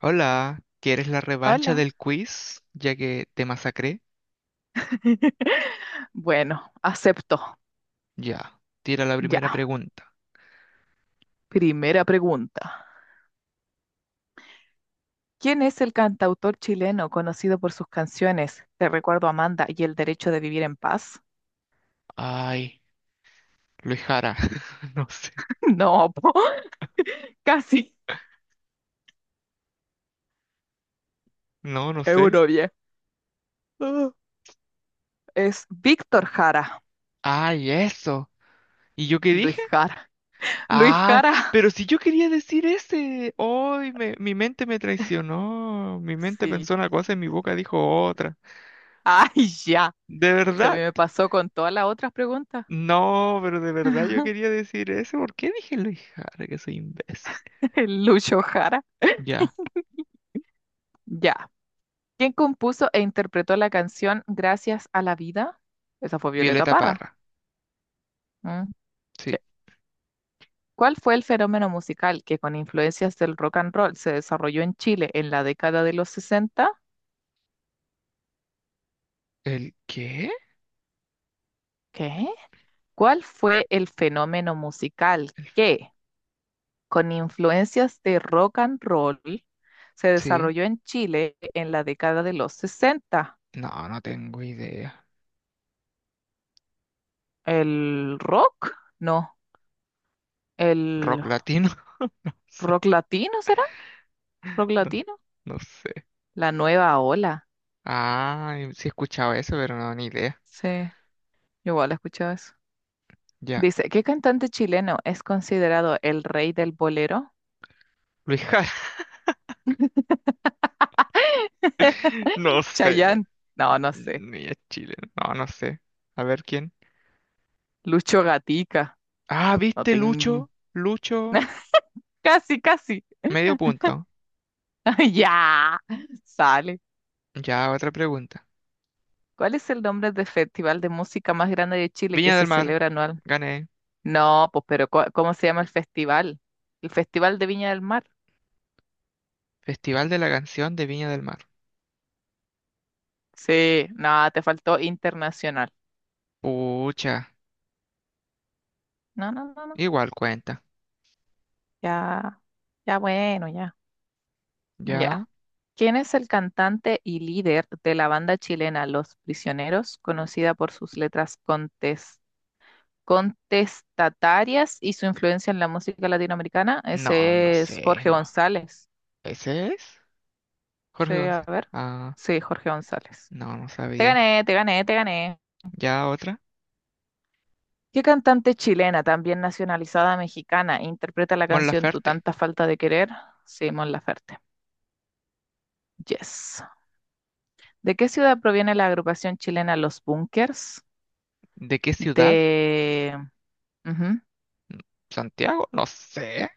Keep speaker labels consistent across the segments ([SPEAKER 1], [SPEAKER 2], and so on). [SPEAKER 1] Hola, ¿quieres la revancha
[SPEAKER 2] Hola.
[SPEAKER 1] del quiz? Ya que te masacré.
[SPEAKER 2] Bueno, acepto.
[SPEAKER 1] Ya, tira la primera
[SPEAKER 2] Ya.
[SPEAKER 1] pregunta.
[SPEAKER 2] Primera pregunta. ¿Quién es el cantautor chileno conocido por sus canciones Te recuerdo Amanda y El derecho de vivir en paz?
[SPEAKER 1] Ay, Luis Jara. No sé.
[SPEAKER 2] No, po, casi.
[SPEAKER 1] No, no sé.
[SPEAKER 2] Eurovie. Ah. Es Víctor Jara.
[SPEAKER 1] Ay, eso. ¿Y yo qué
[SPEAKER 2] Luis
[SPEAKER 1] dije?
[SPEAKER 2] Jara. Luis
[SPEAKER 1] Ay,
[SPEAKER 2] Jara.
[SPEAKER 1] pero si yo quería decir ese. Ay, mi mente me traicionó. Mi mente
[SPEAKER 2] Sí.
[SPEAKER 1] pensó una cosa y mi boca dijo otra.
[SPEAKER 2] Ay, ya.
[SPEAKER 1] ¿De
[SPEAKER 2] Se
[SPEAKER 1] verdad?
[SPEAKER 2] me pasó con todas las otras preguntas.
[SPEAKER 1] No, pero de verdad yo quería decir ese. ¿Por qué dije Luis Jara? Que soy imbécil.
[SPEAKER 2] El Lucho Jara.
[SPEAKER 1] Ya,
[SPEAKER 2] Ya. ¿Quién compuso e interpretó la canción Gracias a la vida? Esa fue Violeta
[SPEAKER 1] Violeta
[SPEAKER 2] Parra.
[SPEAKER 1] Parra.
[SPEAKER 2] Mm, sí.
[SPEAKER 1] Sí.
[SPEAKER 2] ¿Cuál fue el fenómeno musical que con influencias del rock and roll se desarrolló en Chile en la década de los sesenta?
[SPEAKER 1] ¿El qué?
[SPEAKER 2] ¿Qué? ¿Cuál fue el fenómeno musical que con influencias de rock and roll se
[SPEAKER 1] Sí,
[SPEAKER 2] desarrolló en Chile en la década de los sesenta?
[SPEAKER 1] no, no tengo idea.
[SPEAKER 2] ¿El rock? No. ¿El
[SPEAKER 1] Rock latino, no sé,
[SPEAKER 2] rock latino será? ¿Rock
[SPEAKER 1] no,
[SPEAKER 2] latino?
[SPEAKER 1] no sé.
[SPEAKER 2] La nueva ola.
[SPEAKER 1] Ah, sí he escuchado eso, pero no, ni idea.
[SPEAKER 2] Sí, yo igual he escuchado eso.
[SPEAKER 1] Ya.
[SPEAKER 2] Dice, ¿qué cantante chileno es considerado el rey del bolero?
[SPEAKER 1] Luis Jara, no sé.
[SPEAKER 2] Chayanne. No, no sé.
[SPEAKER 1] Ni es chileno, no, no sé. A ver quién.
[SPEAKER 2] Lucho Gatica.
[SPEAKER 1] Ah,
[SPEAKER 2] No
[SPEAKER 1] ¿viste
[SPEAKER 2] tengo...
[SPEAKER 1] Lucho? Lucho,
[SPEAKER 2] Casi, casi.
[SPEAKER 1] medio punto.
[SPEAKER 2] Ya. Sale.
[SPEAKER 1] Ya, otra pregunta.
[SPEAKER 2] ¿Cuál es el nombre del festival de música más grande de Chile que
[SPEAKER 1] Viña
[SPEAKER 2] se
[SPEAKER 1] del Mar,
[SPEAKER 2] celebra anual?
[SPEAKER 1] gané.
[SPEAKER 2] No, pues, pero ¿cómo se llama el festival? El Festival de Viña del Mar.
[SPEAKER 1] Festival de la Canción de Viña del Mar.
[SPEAKER 2] Sí, no, te faltó internacional.
[SPEAKER 1] Pucha,
[SPEAKER 2] No, no, no, no.
[SPEAKER 1] igual cuenta.
[SPEAKER 2] Ya, ya bueno, ya.
[SPEAKER 1] Ya.
[SPEAKER 2] Ya. ¿Quién es el cantante y líder de la banda chilena Los Prisioneros, conocida por sus letras contestatarias y su influencia en la música latinoamericana?
[SPEAKER 1] No, no
[SPEAKER 2] Ese es
[SPEAKER 1] sé,
[SPEAKER 2] Jorge
[SPEAKER 1] no.
[SPEAKER 2] González.
[SPEAKER 1] ¿Ese es?
[SPEAKER 2] Sí,
[SPEAKER 1] Jorge
[SPEAKER 2] a
[SPEAKER 1] González.
[SPEAKER 2] ver.
[SPEAKER 1] Ah,
[SPEAKER 2] Sí, Jorge González.
[SPEAKER 1] no, no
[SPEAKER 2] Te
[SPEAKER 1] sabía.
[SPEAKER 2] gané, te gané, te gané.
[SPEAKER 1] ¿Ya otra?
[SPEAKER 2] ¿Qué cantante chilena, también nacionalizada mexicana, interpreta la
[SPEAKER 1] Mon
[SPEAKER 2] canción Tu
[SPEAKER 1] Laferte.
[SPEAKER 2] tanta falta de querer? Simón Laferte. Yes. ¿De qué ciudad proviene la agrupación chilena Los Bunkers?
[SPEAKER 1] ¿De qué ciudad?
[SPEAKER 2] De... ujú,
[SPEAKER 1] ¿Santiago? No sé.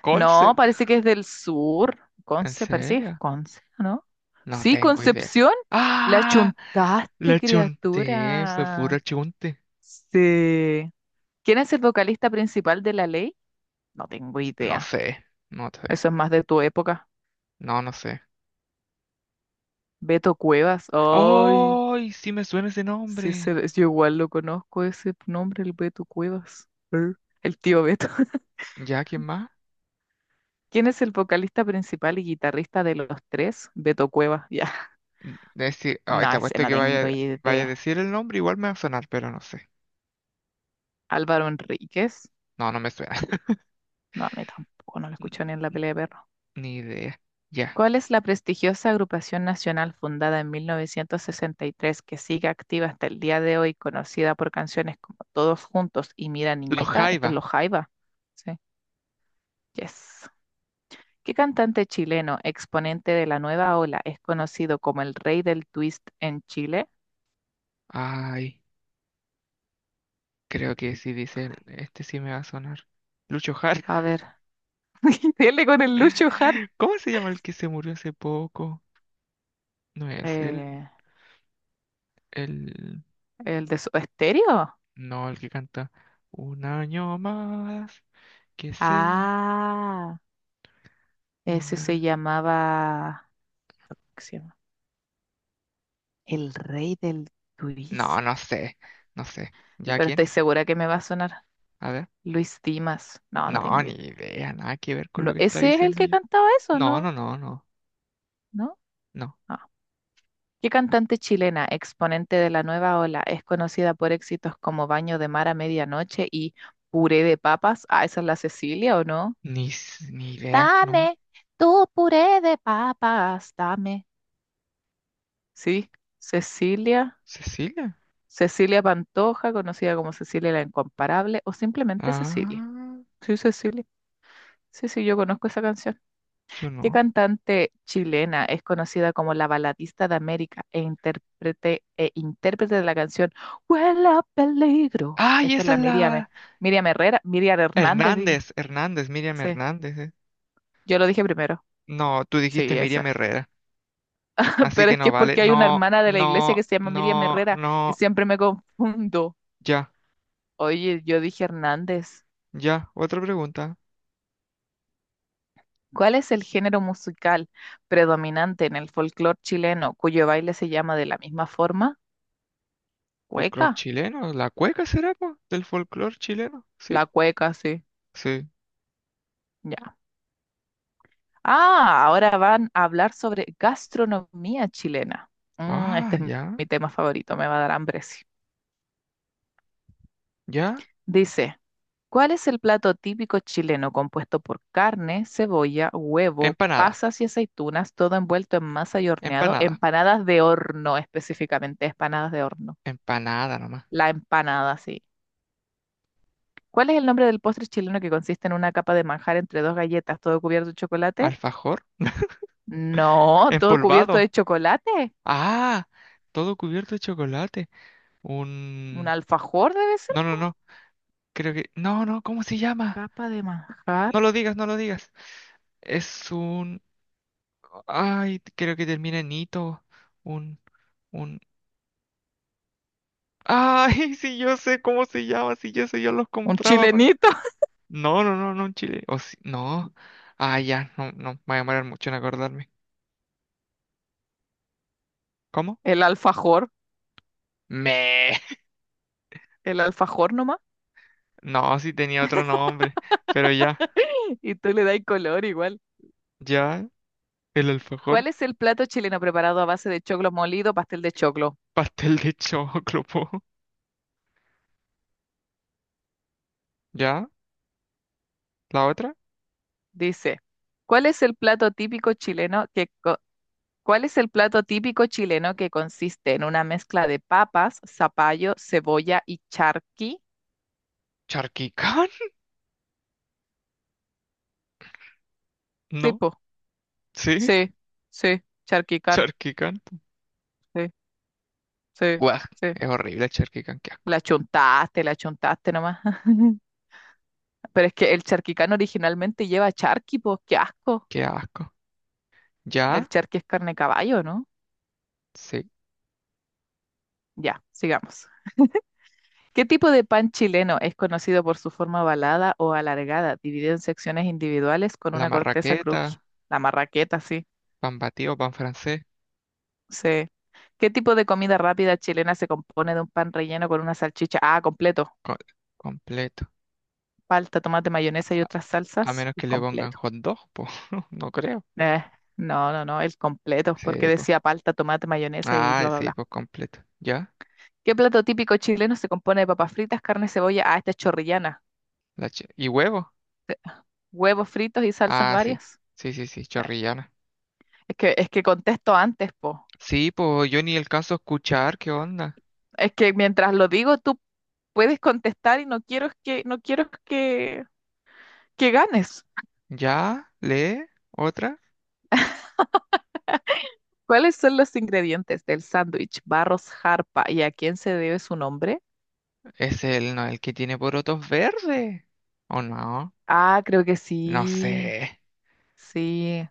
[SPEAKER 1] ¿Conce?
[SPEAKER 2] no, parece que es del sur.
[SPEAKER 1] ¿En
[SPEAKER 2] Conce, parece que es
[SPEAKER 1] serio?
[SPEAKER 2] Conce, ¿no?
[SPEAKER 1] No
[SPEAKER 2] Sí,
[SPEAKER 1] tengo idea.
[SPEAKER 2] Concepción. La
[SPEAKER 1] ¡Ah!
[SPEAKER 2] chuntaste,
[SPEAKER 1] La chunté. Fue
[SPEAKER 2] criatura.
[SPEAKER 1] puro chunte.
[SPEAKER 2] Sí. ¿Quién es el vocalista principal de La Ley? No tengo
[SPEAKER 1] No
[SPEAKER 2] idea.
[SPEAKER 1] sé. No sé.
[SPEAKER 2] Eso es más de tu época.
[SPEAKER 1] No, no sé.
[SPEAKER 2] Beto Cuevas. Ay,
[SPEAKER 1] ¡Ay! Sí me suena ese
[SPEAKER 2] sí,
[SPEAKER 1] nombre.
[SPEAKER 2] yo igual lo conozco ese nombre, el Beto Cuevas. El tío Beto.
[SPEAKER 1] ¿Ya quién más?
[SPEAKER 2] ¿Quién es el vocalista principal y guitarrista de los tres? Beto Cuevas, ya.
[SPEAKER 1] Decir. Ay,
[SPEAKER 2] No,
[SPEAKER 1] te
[SPEAKER 2] ese
[SPEAKER 1] apuesto
[SPEAKER 2] no
[SPEAKER 1] que
[SPEAKER 2] tengo
[SPEAKER 1] vaya, vaya a
[SPEAKER 2] idea.
[SPEAKER 1] decir el nombre. Igual me va a sonar, pero no sé.
[SPEAKER 2] Álvaro Enríquez.
[SPEAKER 1] No, no me suena.
[SPEAKER 2] No, a mí tampoco, no lo
[SPEAKER 1] N-
[SPEAKER 2] escucho ni en la pelea de perro.
[SPEAKER 1] Ni idea. Ya.
[SPEAKER 2] ¿Cuál es la prestigiosa agrupación nacional fundada en 1963 que sigue activa hasta el día de hoy, conocida por canciones como Todos Juntos y Mira
[SPEAKER 1] Los
[SPEAKER 2] Niñita? Este es
[SPEAKER 1] Jaiba.
[SPEAKER 2] los Jaiba. Sí, yes. ¿Qué cantante chileno, exponente de la nueva ola, es conocido como el rey del twist en Chile?
[SPEAKER 1] Ay. Creo que sí dice, este sí me va a sonar. Lucho Jara.
[SPEAKER 2] A ver, dele con el Lucho Jara.
[SPEAKER 1] ¿Cómo se llama el que se murió hace poco? No es él,
[SPEAKER 2] Eh,
[SPEAKER 1] el...
[SPEAKER 2] ¿El de su estéreo?
[SPEAKER 1] No, el que canta Un año más que se va.
[SPEAKER 2] Ah. Ese se
[SPEAKER 1] Una...
[SPEAKER 2] llamaba, ¿qué se llama? El Rey del
[SPEAKER 1] No,
[SPEAKER 2] Twist.
[SPEAKER 1] no sé, no sé. ¿Ya
[SPEAKER 2] Pero
[SPEAKER 1] quién?
[SPEAKER 2] estoy segura que me va a sonar
[SPEAKER 1] A ver.
[SPEAKER 2] Luis Dimas. No, no
[SPEAKER 1] No,
[SPEAKER 2] tengo
[SPEAKER 1] ni
[SPEAKER 2] idea.
[SPEAKER 1] idea, nada que ver con lo
[SPEAKER 2] No,
[SPEAKER 1] que está
[SPEAKER 2] ¿ese es el
[SPEAKER 1] diciendo
[SPEAKER 2] que
[SPEAKER 1] yo.
[SPEAKER 2] cantaba eso,
[SPEAKER 1] No,
[SPEAKER 2] no?
[SPEAKER 1] no, no, no,
[SPEAKER 2] ¿No?
[SPEAKER 1] no.
[SPEAKER 2] No. ¿Qué cantante chilena, exponente de la nueva ola, es conocida por éxitos como Baño de Mar a Medianoche y Puré de Papas? Ah, ¿esa es la Cecilia o no?
[SPEAKER 1] Ni, ni idea, no.
[SPEAKER 2] Dame tu puré de papas, dame. Sí, Cecilia.
[SPEAKER 1] ¿Cecilia?
[SPEAKER 2] Cecilia Pantoja, conocida como Cecilia la Incomparable o simplemente Cecilia.
[SPEAKER 1] Ah,
[SPEAKER 2] Sí, Cecilia. Sí, sí, yo conozco esa canción.
[SPEAKER 1] yo
[SPEAKER 2] ¿Qué
[SPEAKER 1] no.
[SPEAKER 2] cantante chilena es conocida como la baladista de América e intérprete de la canción Huele a peligro?
[SPEAKER 1] ¡Ay,
[SPEAKER 2] Esta es
[SPEAKER 1] esa
[SPEAKER 2] la
[SPEAKER 1] es
[SPEAKER 2] Miriam,
[SPEAKER 1] la...
[SPEAKER 2] Miriam Herrera, Miriam Hernández, digo.
[SPEAKER 1] Hernández, Hernández, Miriam
[SPEAKER 2] Sí,
[SPEAKER 1] Hernández. Eh.
[SPEAKER 2] yo lo dije primero.
[SPEAKER 1] No, tú dijiste
[SPEAKER 2] Sí,
[SPEAKER 1] Miriam
[SPEAKER 2] esa.
[SPEAKER 1] Herrera. Así
[SPEAKER 2] Pero
[SPEAKER 1] que
[SPEAKER 2] es que
[SPEAKER 1] no
[SPEAKER 2] es
[SPEAKER 1] vale.
[SPEAKER 2] porque hay una
[SPEAKER 1] No,
[SPEAKER 2] hermana de la iglesia
[SPEAKER 1] no,
[SPEAKER 2] que se llama Miriam
[SPEAKER 1] no,
[SPEAKER 2] Herrera y
[SPEAKER 1] no.
[SPEAKER 2] siempre me confundo.
[SPEAKER 1] Ya,
[SPEAKER 2] Oye, yo dije Hernández.
[SPEAKER 1] ya. Otra pregunta.
[SPEAKER 2] ¿Cuál es el género musical predominante en el folclore chileno, cuyo baile se llama de la misma forma?
[SPEAKER 1] ¿Folclor
[SPEAKER 2] ¿Cueca?
[SPEAKER 1] chileno? ¿La cueca será, po? ¿Del folclor chileno? Sí,
[SPEAKER 2] La cueca, sí.
[SPEAKER 1] sí.
[SPEAKER 2] Ya. Ah, ahora van a hablar sobre gastronomía chilena. Mm,
[SPEAKER 1] Ah,
[SPEAKER 2] este es
[SPEAKER 1] ya,
[SPEAKER 2] mi tema favorito, me va a dar hambre, sí.
[SPEAKER 1] ya.
[SPEAKER 2] Dice, ¿cuál es el plato típico chileno compuesto por carne, cebolla, huevo,
[SPEAKER 1] Empanada,
[SPEAKER 2] pasas y aceitunas, todo envuelto en masa y horneado?
[SPEAKER 1] empanada,
[SPEAKER 2] Empanadas de horno, específicamente, empanadas de horno.
[SPEAKER 1] empanada nomás.
[SPEAKER 2] La empanada, sí. ¿Cuál es el nombre del postre chileno que consiste en una capa de manjar entre dos galletas, todo cubierto de chocolate?
[SPEAKER 1] Alfajor,
[SPEAKER 2] No, todo cubierto de
[SPEAKER 1] empolvado.
[SPEAKER 2] chocolate.
[SPEAKER 1] Ah, todo cubierto de chocolate.
[SPEAKER 2] Un
[SPEAKER 1] Un...
[SPEAKER 2] alfajor debe ser.
[SPEAKER 1] No, no, no. Creo que... No, no, ¿cómo se llama?
[SPEAKER 2] Capa de manjar.
[SPEAKER 1] No lo digas, no lo digas. Es un... Ay, creo que termina en hito. Un... Un... Ay, si yo sé cómo se llama, si yo sé, yo los
[SPEAKER 2] Un
[SPEAKER 1] compraba. Pero-
[SPEAKER 2] chilenito.
[SPEAKER 1] No, no, no, no, en Chile. O si... No. Ah, ya, no, no, me voy a demorar mucho en acordarme. ¿Cómo?
[SPEAKER 2] El alfajor.
[SPEAKER 1] Me.
[SPEAKER 2] El alfajor nomás.
[SPEAKER 1] No, sí tenía otro nombre. Pero ya,
[SPEAKER 2] Y tú le das color igual.
[SPEAKER 1] ya, el alfajor,
[SPEAKER 2] ¿Cuál es el plato chileno preparado a base de choclo molido, pastel de choclo?
[SPEAKER 1] pastel de choclo, po. ¿Ya? ¿La otra?
[SPEAKER 2] Dice, ¿cuál es el plato típico chileno que co- ¿Cuál es el plato típico chileno que consiste en una mezcla de papas, zapallo, cebolla y charqui?
[SPEAKER 1] ¿Charquicán? No,
[SPEAKER 2] Tipo,
[SPEAKER 1] sí,
[SPEAKER 2] sí, sí, charquicán,
[SPEAKER 1] Charquicán.
[SPEAKER 2] sí, sí,
[SPEAKER 1] Guau,
[SPEAKER 2] sí.
[SPEAKER 1] es horrible charquicán, qué asco.
[SPEAKER 2] La chuntaste nomás. Pero es que el charquicán originalmente lleva charqui, pues qué asco.
[SPEAKER 1] Qué asco.
[SPEAKER 2] El
[SPEAKER 1] Ya,
[SPEAKER 2] charqui es carne de caballo, ¿no?
[SPEAKER 1] sí.
[SPEAKER 2] Ya, sigamos. ¿Qué tipo de pan chileno es conocido por su forma ovalada o alargada, dividido en secciones individuales con
[SPEAKER 1] La
[SPEAKER 2] una corteza
[SPEAKER 1] marraqueta,
[SPEAKER 2] cruji? La marraqueta, sí,
[SPEAKER 1] pan batido, pan francés,
[SPEAKER 2] sí. ¿Qué tipo de comida rápida chilena se compone de un pan relleno con una salchicha? Ah, completo.
[SPEAKER 1] co- completo.
[SPEAKER 2] Palta, tomate, mayonesa y otras
[SPEAKER 1] A
[SPEAKER 2] salsas,
[SPEAKER 1] menos
[SPEAKER 2] el
[SPEAKER 1] que le pongan
[SPEAKER 2] completo.
[SPEAKER 1] hot dog, pues, no creo.
[SPEAKER 2] Eh, no, no, no, el completo, porque
[SPEAKER 1] Sí, pues.
[SPEAKER 2] decía palta, tomate, mayonesa y
[SPEAKER 1] Ah,
[SPEAKER 2] bla, bla,
[SPEAKER 1] sí,
[SPEAKER 2] bla.
[SPEAKER 1] pues completo. Ya.
[SPEAKER 2] ¿Qué plato típico chileno se compone de papas fritas, carne, cebolla? Ah, esta es chorrillana.
[SPEAKER 1] ¿Y huevo?
[SPEAKER 2] Huevos fritos y salsas
[SPEAKER 1] Ah, sí.
[SPEAKER 2] varias.
[SPEAKER 1] Sí, sí, sí,
[SPEAKER 2] Eh,
[SPEAKER 1] chorrillana.
[SPEAKER 2] es que contesto antes, po.
[SPEAKER 1] Sí, pues yo ni el caso escuchar, ¿qué onda?
[SPEAKER 2] Es que mientras lo digo, tú puedes contestar y no quiero que ganes.
[SPEAKER 1] ¿Ya? ¿Lee? ¿Otra?
[SPEAKER 2] ¿Cuáles son los ingredientes del sándwich Barros Jarpa y a quién se debe su nombre?
[SPEAKER 1] Es el, no, el que tiene porotos verdes. ¿O no?
[SPEAKER 2] Ah, creo que
[SPEAKER 1] No sé.
[SPEAKER 2] sí. Sí,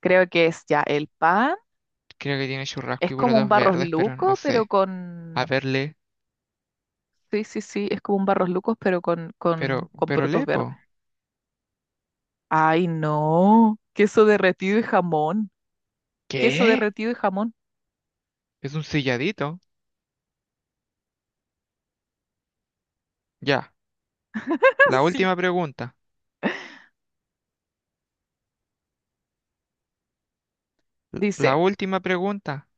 [SPEAKER 2] creo que es ya el pan.
[SPEAKER 1] Creo que tiene churrasco
[SPEAKER 2] Es
[SPEAKER 1] y
[SPEAKER 2] como un
[SPEAKER 1] porotos
[SPEAKER 2] barros
[SPEAKER 1] verdes, pero no
[SPEAKER 2] luco, pero
[SPEAKER 1] sé. A
[SPEAKER 2] con...
[SPEAKER 1] ver, lee.
[SPEAKER 2] Sí, sí, sí, es como un barros lucos, pero con, con, con
[SPEAKER 1] Pero
[SPEAKER 2] porotos
[SPEAKER 1] lee, po.
[SPEAKER 2] verdes. Ay, no. Queso derretido y jamón. Queso
[SPEAKER 1] ¿Qué?
[SPEAKER 2] derretido y jamón.
[SPEAKER 1] Es un silladito. Ya. La
[SPEAKER 2] Sí.
[SPEAKER 1] última pregunta. La
[SPEAKER 2] Dice,
[SPEAKER 1] última pregunta.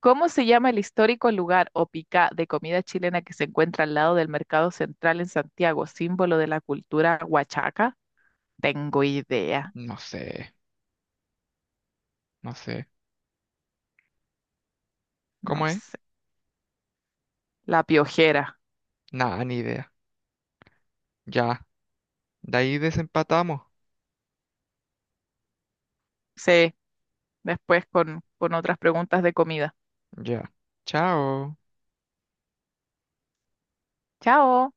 [SPEAKER 2] ¿cómo se llama el histórico lugar o pica de comida chilena que se encuentra al lado del Mercado Central en Santiago, símbolo de la cultura huachaca? Tengo idea.
[SPEAKER 1] No sé, no sé.
[SPEAKER 2] No
[SPEAKER 1] ¿Cómo es?
[SPEAKER 2] sé. La piojera.
[SPEAKER 1] Nada, ni idea. Ya. De ahí desempatamos.
[SPEAKER 2] Sí, después con otras preguntas de comida.
[SPEAKER 1] Ya. Chao.
[SPEAKER 2] Chao.